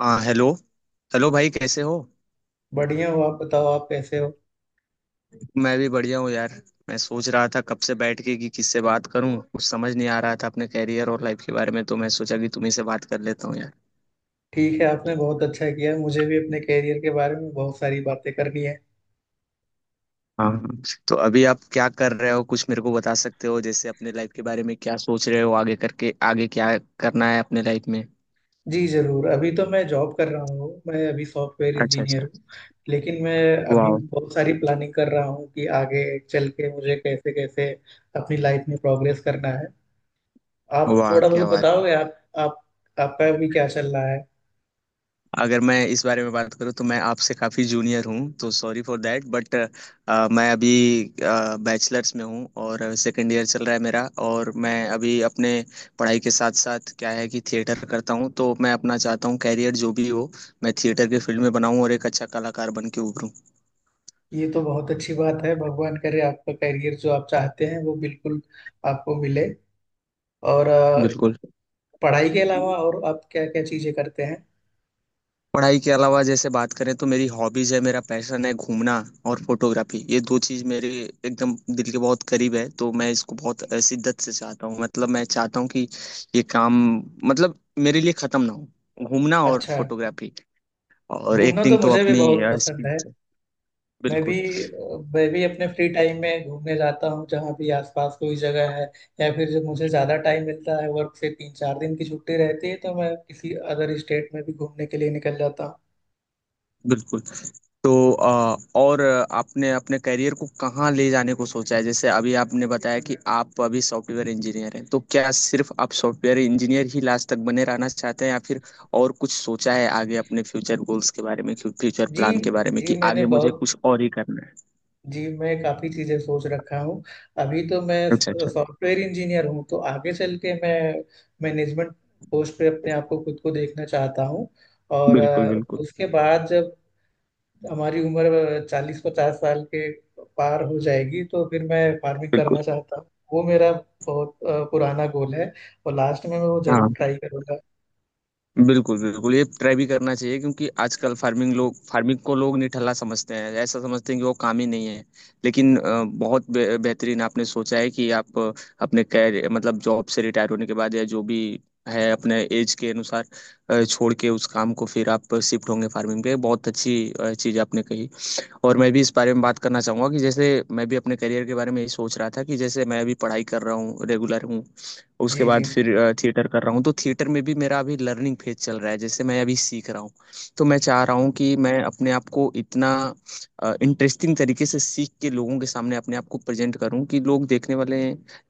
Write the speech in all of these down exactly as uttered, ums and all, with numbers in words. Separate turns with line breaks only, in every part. हाँ, hello. Hello भाई, कैसे हो।
बढ़िया हो। आप बताओ, आप कैसे हो?
मैं भी बढ़िया हूँ यार। मैं सोच रहा था कब से बैठ के कि किससे बात करूँ, कुछ समझ नहीं आ रहा था अपने कैरियर और लाइफ के बारे में, तो मैं सोचा कि तुम्ही से बात कर लेता हूँ यार।
ठीक है, आपने बहुत अच्छा किया। मुझे भी अपने कैरियर के बारे में बहुत सारी बातें करनी है।
हाँ हाँ। तो अभी आप क्या कर रहे हो, कुछ मेरे को बता सकते हो जैसे अपने लाइफ के बारे में क्या सोच रहे हो, आगे करके आगे क्या करना है अपने लाइफ में।
जी जरूर। अभी तो मैं जॉब कर रहा हूँ, मैं अभी सॉफ्टवेयर
अच्छा
इंजीनियर
अच्छा।
हूँ। लेकिन मैं अभी
वाह।
बहुत सारी प्लानिंग कर रहा हूँ कि आगे चल के मुझे कैसे कैसे अपनी लाइफ में प्रोग्रेस करना है। आप
वाह
थोड़ा
क्या
बहुत
बात।
बताओगे। आप आप आपका भी क्या चल रहा है?
अगर मैं इस बारे में बात करूँ तो मैं आपसे काफ़ी जूनियर हूँ, तो सॉरी फॉर दैट, बट मैं अभी बैचलर्स में हूँ और सेकेंड ईयर चल रहा है मेरा। और मैं अभी अपने पढ़ाई के साथ साथ क्या है कि थिएटर करता हूँ, तो मैं अपना चाहता हूँ कैरियर जो भी हो मैं थिएटर के फील्ड में बनाऊँ और एक अच्छा कलाकार बन के उभरूँ।
ये तो बहुत अच्छी बात है। भगवान करे आपका करियर जो आप चाहते हैं, वो बिल्कुल आपको मिले। और अ,
बिल्कुल।
पढ़ाई के अलावा और आप क्या क्या चीजें करते हैं?
पढ़ाई के अलावा जैसे बात करें तो मेरी हॉबीज है, मेरा पैशन है घूमना और फोटोग्राफी, ये दो चीज मेरे एकदम दिल के बहुत करीब है। तो मैं इसको बहुत अ, शिद्दत से चाहता हूँ, मतलब मैं चाहता हूँ कि ये काम, मतलब मेरे लिए खत्म ना हो घूमना और
अच्छा।
फोटोग्राफी। और
घूमना तो
एक्टिंग तो
मुझे भी
अपनी
बहुत
अ,
पसंद है।
speech है।
मैं भी
बिल्कुल
मैं भी अपने फ्री टाइम में घूमने जाता हूँ जहाँ भी आसपास कोई जगह है। या फिर जब मुझे ज्यादा टाइम मिलता है, वर्क से तीन चार दिन की छुट्टी रहती है, तो मैं किसी अदर स्टेट में भी घूमने के लिए निकल जाता हूँ।
बिल्कुल। तो अ, और आपने अपने करियर को कहाँ ले जाने को सोचा है, जैसे अभी आपने बताया कि आप अभी सॉफ्टवेयर इंजीनियर हैं, तो क्या सिर्फ आप सॉफ्टवेयर इंजीनियर ही लास्ट तक बने रहना चाहते हैं, या फिर और कुछ सोचा है आगे अपने फ्यूचर गोल्स के बारे में, फ्यूचर
जी
प्लान के बारे में
जी।
कि
मैंने
आगे मुझे
बहुत
कुछ और ही करना है।
जी, मैं काफ़ी चीज़ें सोच रखा हूँ। अभी तो मैं
अच्छा अच्छा।
सॉफ्टवेयर इंजीनियर हूँ, तो आगे चल के मैं मैनेजमेंट पोस्ट पे अपने आप को, खुद को देखना चाहता हूँ। और
बिल्कुल
अ,
बिल्कुल।
उसके बाद जब हमारी उम्र चालीस पचास साल के पार हो जाएगी तो फिर मैं फार्मिंग
बिल्कुल।
करना चाहता हूँ। वो मेरा बहुत अ, पुराना गोल है। और लास्ट में मैं वो जरूर
हाँ।
ट्राई करूँगा।
बिल्कुल, बिल्कुल, ये ट्राई भी करना चाहिए, क्योंकि आजकल फार्मिंग लोग, फार्मिंग को लोग निठल्ला समझते हैं, ऐसा समझते हैं कि वो काम ही नहीं है। लेकिन अ, बहुत बे बेहतरीन आपने सोचा है कि आप अ, अपने कैर मतलब जॉब से रिटायर होने के बाद, या जो भी है अपने एज के अनुसार अ, छोड़ के उस काम को फिर आप शिफ्ट होंगे फार्मिंग पे। बहुत अच्छी अ, चीज़ आपने कही। और मैं भी इस बारे में बात करना चाहूँगा कि जैसे मैं भी अपने करियर के बारे में यही सोच रहा था कि जैसे मैं अभी पढ़ाई कर रहा हूँ, रेगुलर हूँ। उसके
जी जी।
बाद फिर थिएटर कर रहा हूँ, तो थिएटर में भी मेरा अभी लर्निंग फेज चल रहा है, जैसे मैं अभी सीख रहा हूँ। तो मैं चाह रहा हूँ कि मैं अपने आप को इतना इंटरेस्टिंग तरीके से सीख के लोगों के सामने अपने आप को प्रेजेंट करूँ कि लोग देखने वाले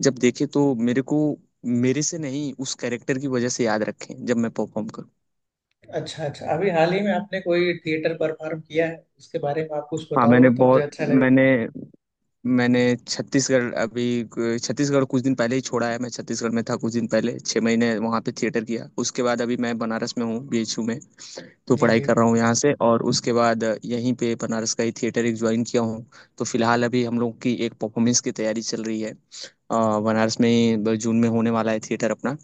जब देखें तो मेरे को, मेरे से नहीं उस कैरेक्टर की वजह से याद रखें, जब मैं परफॉर्म करूँ।
अच्छा अच्छा। अभी हाल ही में आपने कोई थिएटर परफॉर्म किया है, उसके बारे में आप कुछ
हाँ, मैंने
बताओगे तो मुझे
बहुत
अच्छा लगेगा।
मैंने मैंने छत्तीसगढ़, अभी छत्तीसगढ़ कुछ दिन पहले ही छोड़ा है, मैं छत्तीसगढ़ में था। कुछ दिन पहले, छः महीने वहाँ पे थिएटर किया। उसके बाद अभी मैं बनारस में हूँ, बी एच यू में। तो
जी
पढ़ाई
जी।
कर रहा हूँ यहाँ से, और उसके बाद यहीं पे बनारस का ही थिएटर एक ज्वाइन किया हूँ। तो फिलहाल अभी हम लोग की एक परफॉर्मेंस की तैयारी चल रही है, अ, बनारस में ही ब- जून में होने वाला है थिएटर अपना।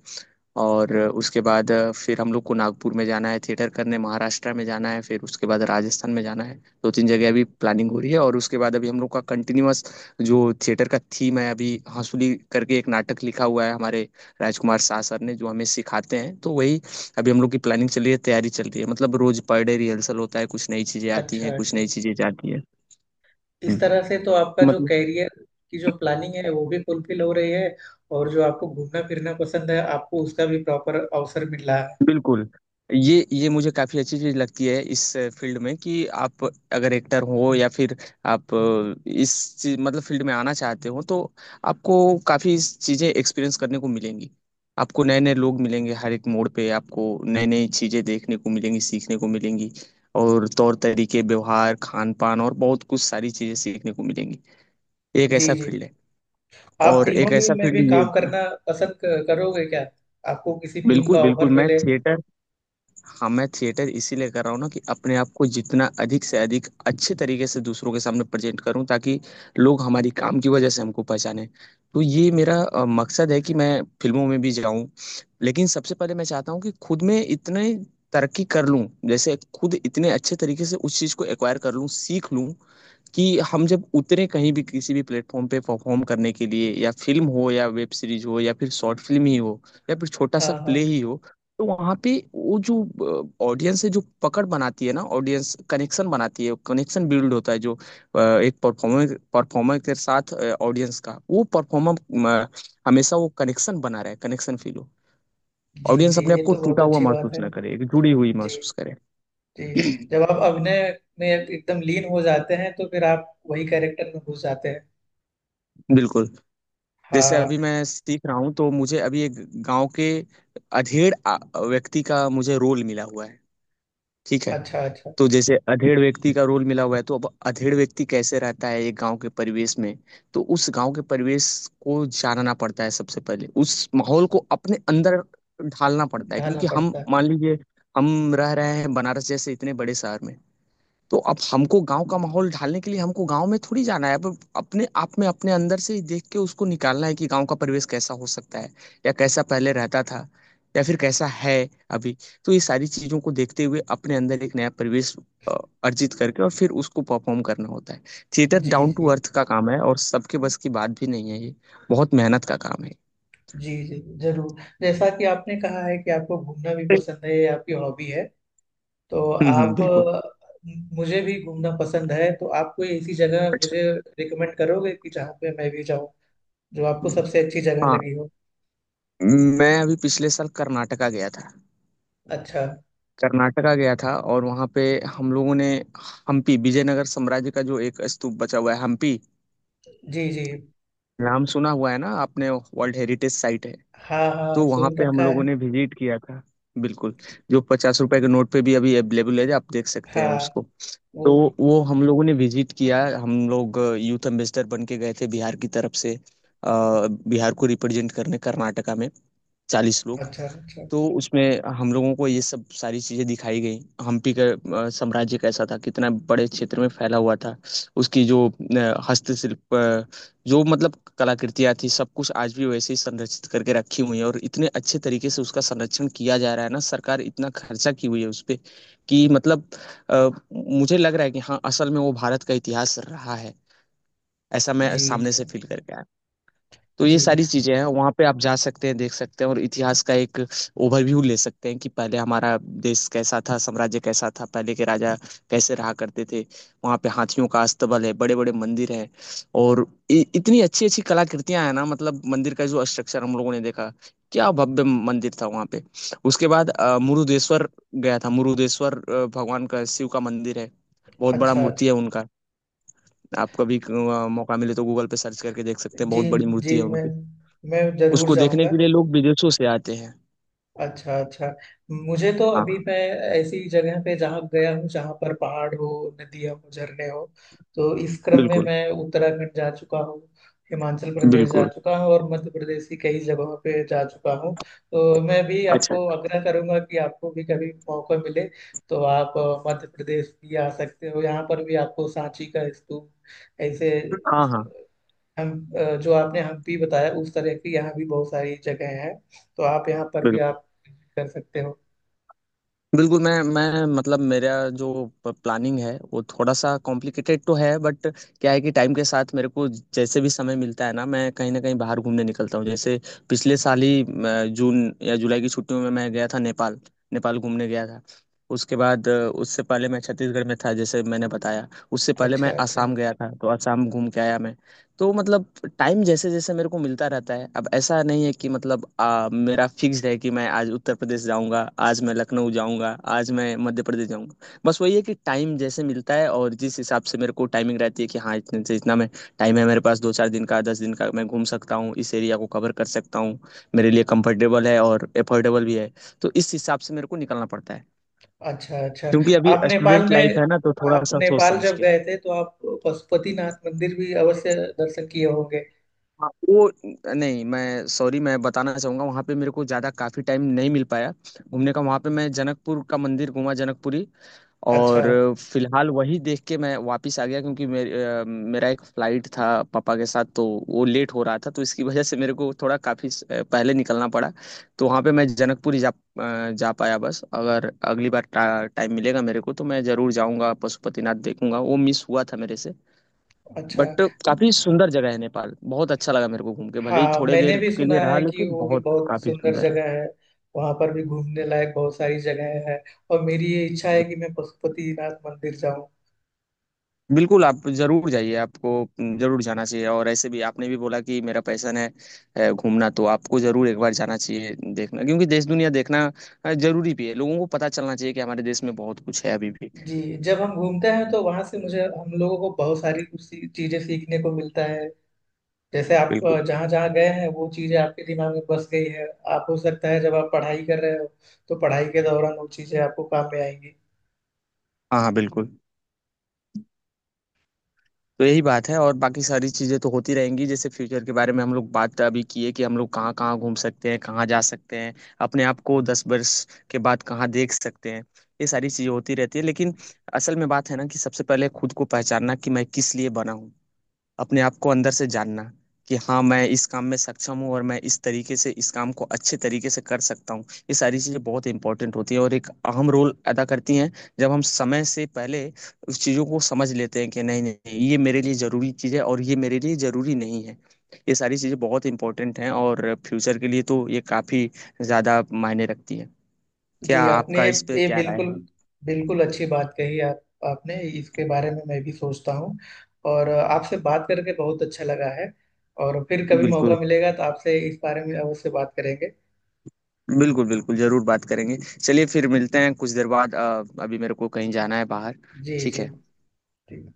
और उसके बाद फिर हम लोग को नागपुर में जाना है थिएटर करने, महाराष्ट्र में जाना है, फिर उसके बाद राजस्थान में जाना है। दो तीन जगह अभी प्लानिंग हो रही है। और उसके बाद अभी हम लोग का कंटिन्यूअस जो थिएटर का थीम है, अभी हंसुली करके एक नाटक लिखा हुआ है हमारे राजकुमार शाह सर ने जो हमें सिखाते हैं, तो वही अभी हम लोग की प्लानिंग चल रही है, तैयारी चल रही है। मतलब रोज पर डे रिहर्सल होता है, कुछ नई चीजें आती
अच्छा
हैं, कुछ
अच्छा।
नई चीजें जाती है।
इस
हम्म।
तरह से तो आपका जो
मतलब
कैरियर की जो प्लानिंग है, वो भी फुलफिल हो रही है। और जो आपको घूमना फिरना पसंद है, आपको उसका भी प्रॉपर अवसर मिल रहा है।
बिल्कुल, ये ये मुझे काफी अच्छी चीज लगती है इस फील्ड में कि आप अगर एक्टर हो, या फिर आप इस चीज, मतलब फील्ड में आना चाहते हो, तो आपको काफी चीजें एक्सपीरियंस करने को मिलेंगी। आपको नए नए लोग मिलेंगे, हर एक मोड़ पे आपको नई नई चीजें देखने को मिलेंगी, सीखने को मिलेंगी। और तौर तरीके, व्यवहार, खान पान, और बहुत कुछ सारी चीजें सीखने को मिलेंगी। एक
जी
ऐसा
जी।
फील्ड है,
आप
और
फिल्मों
एक
में
ऐसा
में भी
फील्ड ये।
काम करना पसंद क- करोगे क्या? आपको किसी फिल्म का
बिल्कुल
ऑफर
बिल्कुल, मैं
मिले।
थिएटर, हाँ मैं थिएटर इसीलिए कर रहा हूँ ना कि अपने आप को जितना अधिक से अधिक अच्छे तरीके से दूसरों के सामने प्रेजेंट करूँ ताकि लोग हमारी काम की वजह से हमको पहचाने। तो ये मेरा अ, मकसद है कि मैं फिल्मों में भी जाऊँ। लेकिन सबसे पहले मैं चाहता हूँ कि खुद में इतने तरक्की कर लूँ, जैसे खुद इतने अच्छे तरीके से उस चीज़ को एक्वायर कर लूँ, सीख लूँ, कि हम जब उतरे कहीं भी किसी भी प्लेटफॉर्म पे परफॉर्म करने के लिए, या फिल्म हो, या वेब सीरीज हो, या फिर शॉर्ट फिल्म ही हो, या फिर छोटा
हाँ
सा
हाँ।
प्ले ही हो, तो वहाँ पे वो जो ऑडियंस है जो पकड़ बनाती है ना, ऑडियंस कनेक्शन बनाती है, कनेक्शन बिल्ड होता है जो अ, एक परफॉर्मर, परफॉर्मर के साथ ऑडियंस का, वो परफॉर्मर हमेशा वो कनेक्शन बना रहे, कनेक्शन फील हो,
जी
ऑडियंस
जी।
अपने आप
ये
को
तो बहुत
टूटा हुआ
अच्छी बात
महसूस
है।
ना करे, एक जुड़ी हुई
जी
महसूस करे।
जी। जब आप अभिनय में एकदम लीन हो जाते हैं तो फिर आप वही कैरेक्टर में घुस जाते हैं।
बिल्कुल। जैसे
हाँ।
अभी मैं सीख रहा हूँ, तो मुझे अभी एक गांव के अधेड़ आ- व्यक्ति का मुझे रोल मिला हुआ है। ठीक है।
अच्छा अच्छा।
तो जैसे अधेड़ व्यक्ति का रोल मिला हुआ है, तो अब अधेड़ व्यक्ति कैसे रहता है एक गांव के परिवेश में। तो उस गांव के परिवेश को जानना पड़ता है, सबसे पहले उस माहौल को अपने अंदर ढालना पड़ता है,
ढालना
क्योंकि हम
पड़ता है।
मान लीजिए हम रह रहे हैं बनारस जैसे इतने बड़े शहर में। तो अब हमको गांव का माहौल ढालने के लिए हमको गांव में थोड़ी जाना है, अब अपने आप में अपने अंदर से ही देख के उसको निकालना है कि गांव का परिवेश कैसा हो सकता है, या कैसा पहले रहता था, या फिर कैसा है अभी। तो ये सारी चीजों को देखते हुए अपने अंदर एक नया परिवेश अ, अर्जित करके और फिर उसको परफॉर्म करना होता है। Theatre
the
down to
the.
Earth का काम है, और सबके बस की बात भी नहीं है ये। बहुत मेहनत का काम है।
जी जी जरूर। जैसा कि आपने कहा है कि आपको घूमना भी पसंद है, ये आपकी हॉबी है। तो
हम्म हम्म
आप
बिल्कुल।
अ, मुझे भी घूमना पसंद है। तो आप कोई ऐसी जगह
अच्छा।
मुझे रिकमेंड करोगे कि जहाँ पे मैं भी जाऊँ, जो आपको सबसे अच्छी जगह
हाँ,
लगी हो?
मैं अभी पिछले साल कर्नाटका गया था।
अच्छा।
कर्नाटका गया था, और वहाँ पे हम लोगों ने हम्पी, विजयनगर साम्राज्य का जो एक स्तूप बचा हुआ है, हम्पी
जी जी।
नाम सुना हुआ है ना आपने, वर्ल्ड हेरिटेज साइट है,
हाँ हाँ,
तो वहाँ
सुन
पे हम
रखा
लोगों
है।
ने विजिट किया था। बिल्कुल, जो पचास रुपए के नोट पे भी अभी अवेलेबल है, आप देख सकते हैं
हाँ।
उसको।
वो
तो वो हम लोगों ने विजिट किया, हम लोग यूथ एम्बेसडर बन के गए थे बिहार की तरफ से, अ, बिहार को रिप्रेजेंट करने कर्नाटका में, चालीस लोग।
अच्छा अच्छा।
तो उसमें हम लोगों को ये सब सारी चीजें दिखाई गई। हम्पी का अ, साम्राज्य कैसा था, कितना बड़े क्षेत्र में फैला हुआ था, उसकी जो अ, हस्तशिल्प, अ, जो मतलब कलाकृतियां थी, सब कुछ आज भी वैसे ही संरक्षित करके रखी हुई है, और इतने अच्छे तरीके से उसका संरक्षण किया जा रहा है ना, सरकार इतना खर्चा की हुई है उस पे, कि मतलब अ, मुझे लग रहा है कि हाँ, असल में वो भारत का इतिहास रहा है, ऐसा मैं
जी
सामने से
जी
फील करके। तो ये
जी।
सारी चीजें हैं, वहां पे आप जा सकते हैं, देख सकते हैं, और इतिहास का एक ओवरव्यू ले सकते हैं कि पहले हमारा देश कैसा था, साम्राज्य कैसा था, पहले के राजा कैसे रहा करते थे। वहां पे हाथियों का अस्तबल है, बड़े बड़े मंदिर हैं, और इ, इतनी अच्छी अच्छी कलाकृतियां हैं ना, मतलब मंदिर का जो स्ट्रक्चर हम लोगों ने देखा, क्या भव्य मंदिर था वहां पे। उसके बाद अ, मुरुदेश्वर गया था, मुरुदेश्वर अ, भगवान का, शिव का मंदिर है,
अच्छा
बहुत बड़ा
अच्छा।
मूर्ति है उनका। आप कभी अ, मौका मिले तो गूगल पे सर्च करके देख सकते हैं,
जी
बहुत बड़ी
जी।
मूर्ति है
मैं
उनकी,
मैं जरूर
उसको देखने
जाऊँगा।
के लिए लोग विदेशों से आते हैं।
अच्छा अच्छा। मुझे तो अभी
हाँ।
मैं ऐसी जगह पे जहाँ गया हूँ जहाँ पर पहाड़ हो, नदियाँ हो, झरने हो, तो इस क्रम में
बिल्कुल
मैं उत्तराखंड जा चुका हूँ। हिमाचल प्रदेश जा
बिल्कुल।
चुका हूँ, और मध्य प्रदेश की कई जगहों पे जा चुका हूँ। तो मैं भी
अच्छा।
आपको आग्रह करूंगा कि आपको भी कभी मौका मिले तो आप अ, मध्य प्रदेश भी आ सकते हो। यहाँ पर भी आपको सांची का स्तूप ऐसे,
हाँ
उस-
हाँ
हम अ, जो आपने हम्पी बताया उस तरह की यहाँ भी बहुत सारी जगह है। तो आप यहाँ पर भी
बिल्कुल
आप कर सकते हो।
बिल्कुल, मैं मैं मतलब मेरा जो प्लानिंग है वो थोड़ा सा कॉम्प्लिकेटेड तो है, बट क्या है कि टाइम के साथ मेरे को जैसे भी समय मिलता है ना, मैं कहीं ना कहीं बाहर घूमने निकलता हूँ। जैसे पिछले साल ही अ, जून या जुलाई की छुट्टियों में मैं गया था नेपाल, नेपाल घूमने गया था। उसके बाद अ, उससे पहले मैं छत्तीसगढ़ में था, जैसे मैंने बताया। उससे पहले
अच्छा
मैं
अच्छा।
आसाम गया था, तो आसाम घूम के आया मैं। तो मतलब टाइम जैसे जैसे मेरे को मिलता रहता है, अब ऐसा नहीं है कि मतलब आ, मेरा फिक्स्ड है कि मैं आज उत्तर प्रदेश जाऊंगा, आज मैं लखनऊ जाऊंगा, आज मैं मध्य प्रदेश जाऊंगा। बस वही है कि टाइम जैसे मिलता है, और जिस हिसाब से मेरे को टाइमिंग रहती है कि हाँ इतने से इतना मैं टाइम है मेरे पास, दो चार दिन का, दस दिन का, मैं घूम सकता हूँ, इस एरिया को कवर कर सकता हूँ, मेरे लिए कंफर्टेबल है और एफोर्डेबल भी है, तो इस हिसाब से मेरे को निकलना पड़ता है,
अच्छा अच्छा।
क्योंकि अभी
आप नेपाल
स्टूडेंट लाइफ
में
है ना, तो थोड़ा
आप
सा सोच
नेपाल
समझ
जब
के।
गए थे तो आप पशुपतिनाथ मंदिर भी अवश्य दर्शन किए होंगे।
हाँ, वो, नहीं मैं सॉरी, मैं बताना चाहूंगा वहाँ पे मेरे को ज्यादा काफी टाइम नहीं मिल पाया घूमने का। वहाँ पे मैं जनकपुर का मंदिर घूमा, जनकपुरी,
अच्छा
और फिलहाल वही देख के मैं वापस आ गया, क्योंकि मेरे अ, मेरा एक फ्लाइट था पापा के साथ, तो वो लेट हो रहा था, तो इसकी वजह से मेरे को थोड़ा काफी स- पहले निकलना पड़ा। तो वहाँ पे मैं जनकपुरी जा अ, जा पाया बस। अगर अगली बार टा, टाइम मिलेगा मेरे को तो मैं जरूर जाऊंगा, पशुपतिनाथ देखूंगा, वो मिस हुआ था मेरे से।
अच्छा।
बट काफी सुंदर जगह है नेपाल, बहुत अच्छा लगा मेरे को घूम के, भले ही
हाँ,
थोड़े
मैंने
देर
भी
के
सुना
लिए रहा
है कि
लेकिन
वो भी
बहुत
बहुत
काफी
सुंदर
सुंदर है।
जगह है। वहां पर भी घूमने लायक बहुत सारी जगह है। और मेरी ये इच्छा है
बिल-
कि मैं पशुपतिनाथ मंदिर जाऊं।
बिल्कुल, आप जरूर जाइए, आपको जरूर जाना चाहिए। और ऐसे भी आपने भी बोला कि मेरा पैशन है है घूमना, तो आपको जरूर एक बार जाना चाहिए, देखना, क्योंकि देश दुनिया देखना अ, जरूरी भी है, लोगों को पता चलना चाहिए कि हमारे देश में बहुत कुछ है अभी भी।
जी। जब हम घूमते हैं तो वहां से मुझे हम लोगों को बहुत सारी कुछ सी- चीजें सीखने को मिलता है। जैसे आप
बिल्कुल।
अ, जहाँ जहाँ गए हैं वो चीजें आपके दिमाग में बस गई है। आप हो सकता है जब आप पढ़ाई कर रहे हो तो पढ़ाई के दौरान वो चीजें आपको काम में आएंगी।
हाँ हाँ बिल्कुल। तो यही बात है, और बाकी सारी चीज़ें तो होती रहेंगी, जैसे फ्यूचर के बारे में हम लोग बात अभी किए कि हम लोग कहाँ कहाँ घूम सकते हैं, कहाँ जा सकते हैं, अपने आप को दस वर्ष के बाद कहाँ देख सकते हैं। ये सारी चीज़ें होती रहती है, लेकिन असल में बात है ना कि सबसे पहले खुद को पहचानना कि मैं किस लिए बना हूँ, अपने आप को अंदर से जानना, कि हाँ मैं इस काम में सक्षम हूँ, और मैं इस तरीके से इस काम को अच्छे तरीके से कर सकता हूँ। ये सारी चीज़ें बहुत इंपॉर्टेंट होती है, और एक अहम रोल अदा करती हैं। जब हम समय से पहले उस चीज़ों को समझ लेते हैं कि नहीं नहीं, ये मेरे लिए ज़रूरी चीज़ है और ये मेरे लिए ज़रूरी नहीं है। ये सारी चीज़ें बहुत इंपॉर्टेंट हैं, और फ्यूचर के लिए तो ये काफ़ी ज़्यादा मायने रखती है। क्या
जी। आपने
आपका
ये
इस पे
ये
क्या राय
बिल्कुल
है।
बिल्कुल अच्छी बात कही। आप आपने इसके बारे में मैं भी सोचता हूँ। और अ, आपसे बात करके बहुत अच्छा लगा है। और फिर कभी मौका
बिल्कुल,
मिलेगा तो आपसे इस बारे में अवश्य बात करेंगे।
बिल्कुल बिल्कुल जरूर बात करेंगे। चलिए फिर मिलते हैं कुछ देर बाद, अ, अभी मेरे को कहीं जाना है बाहर।
जी
ठीक
जी
है।
जी।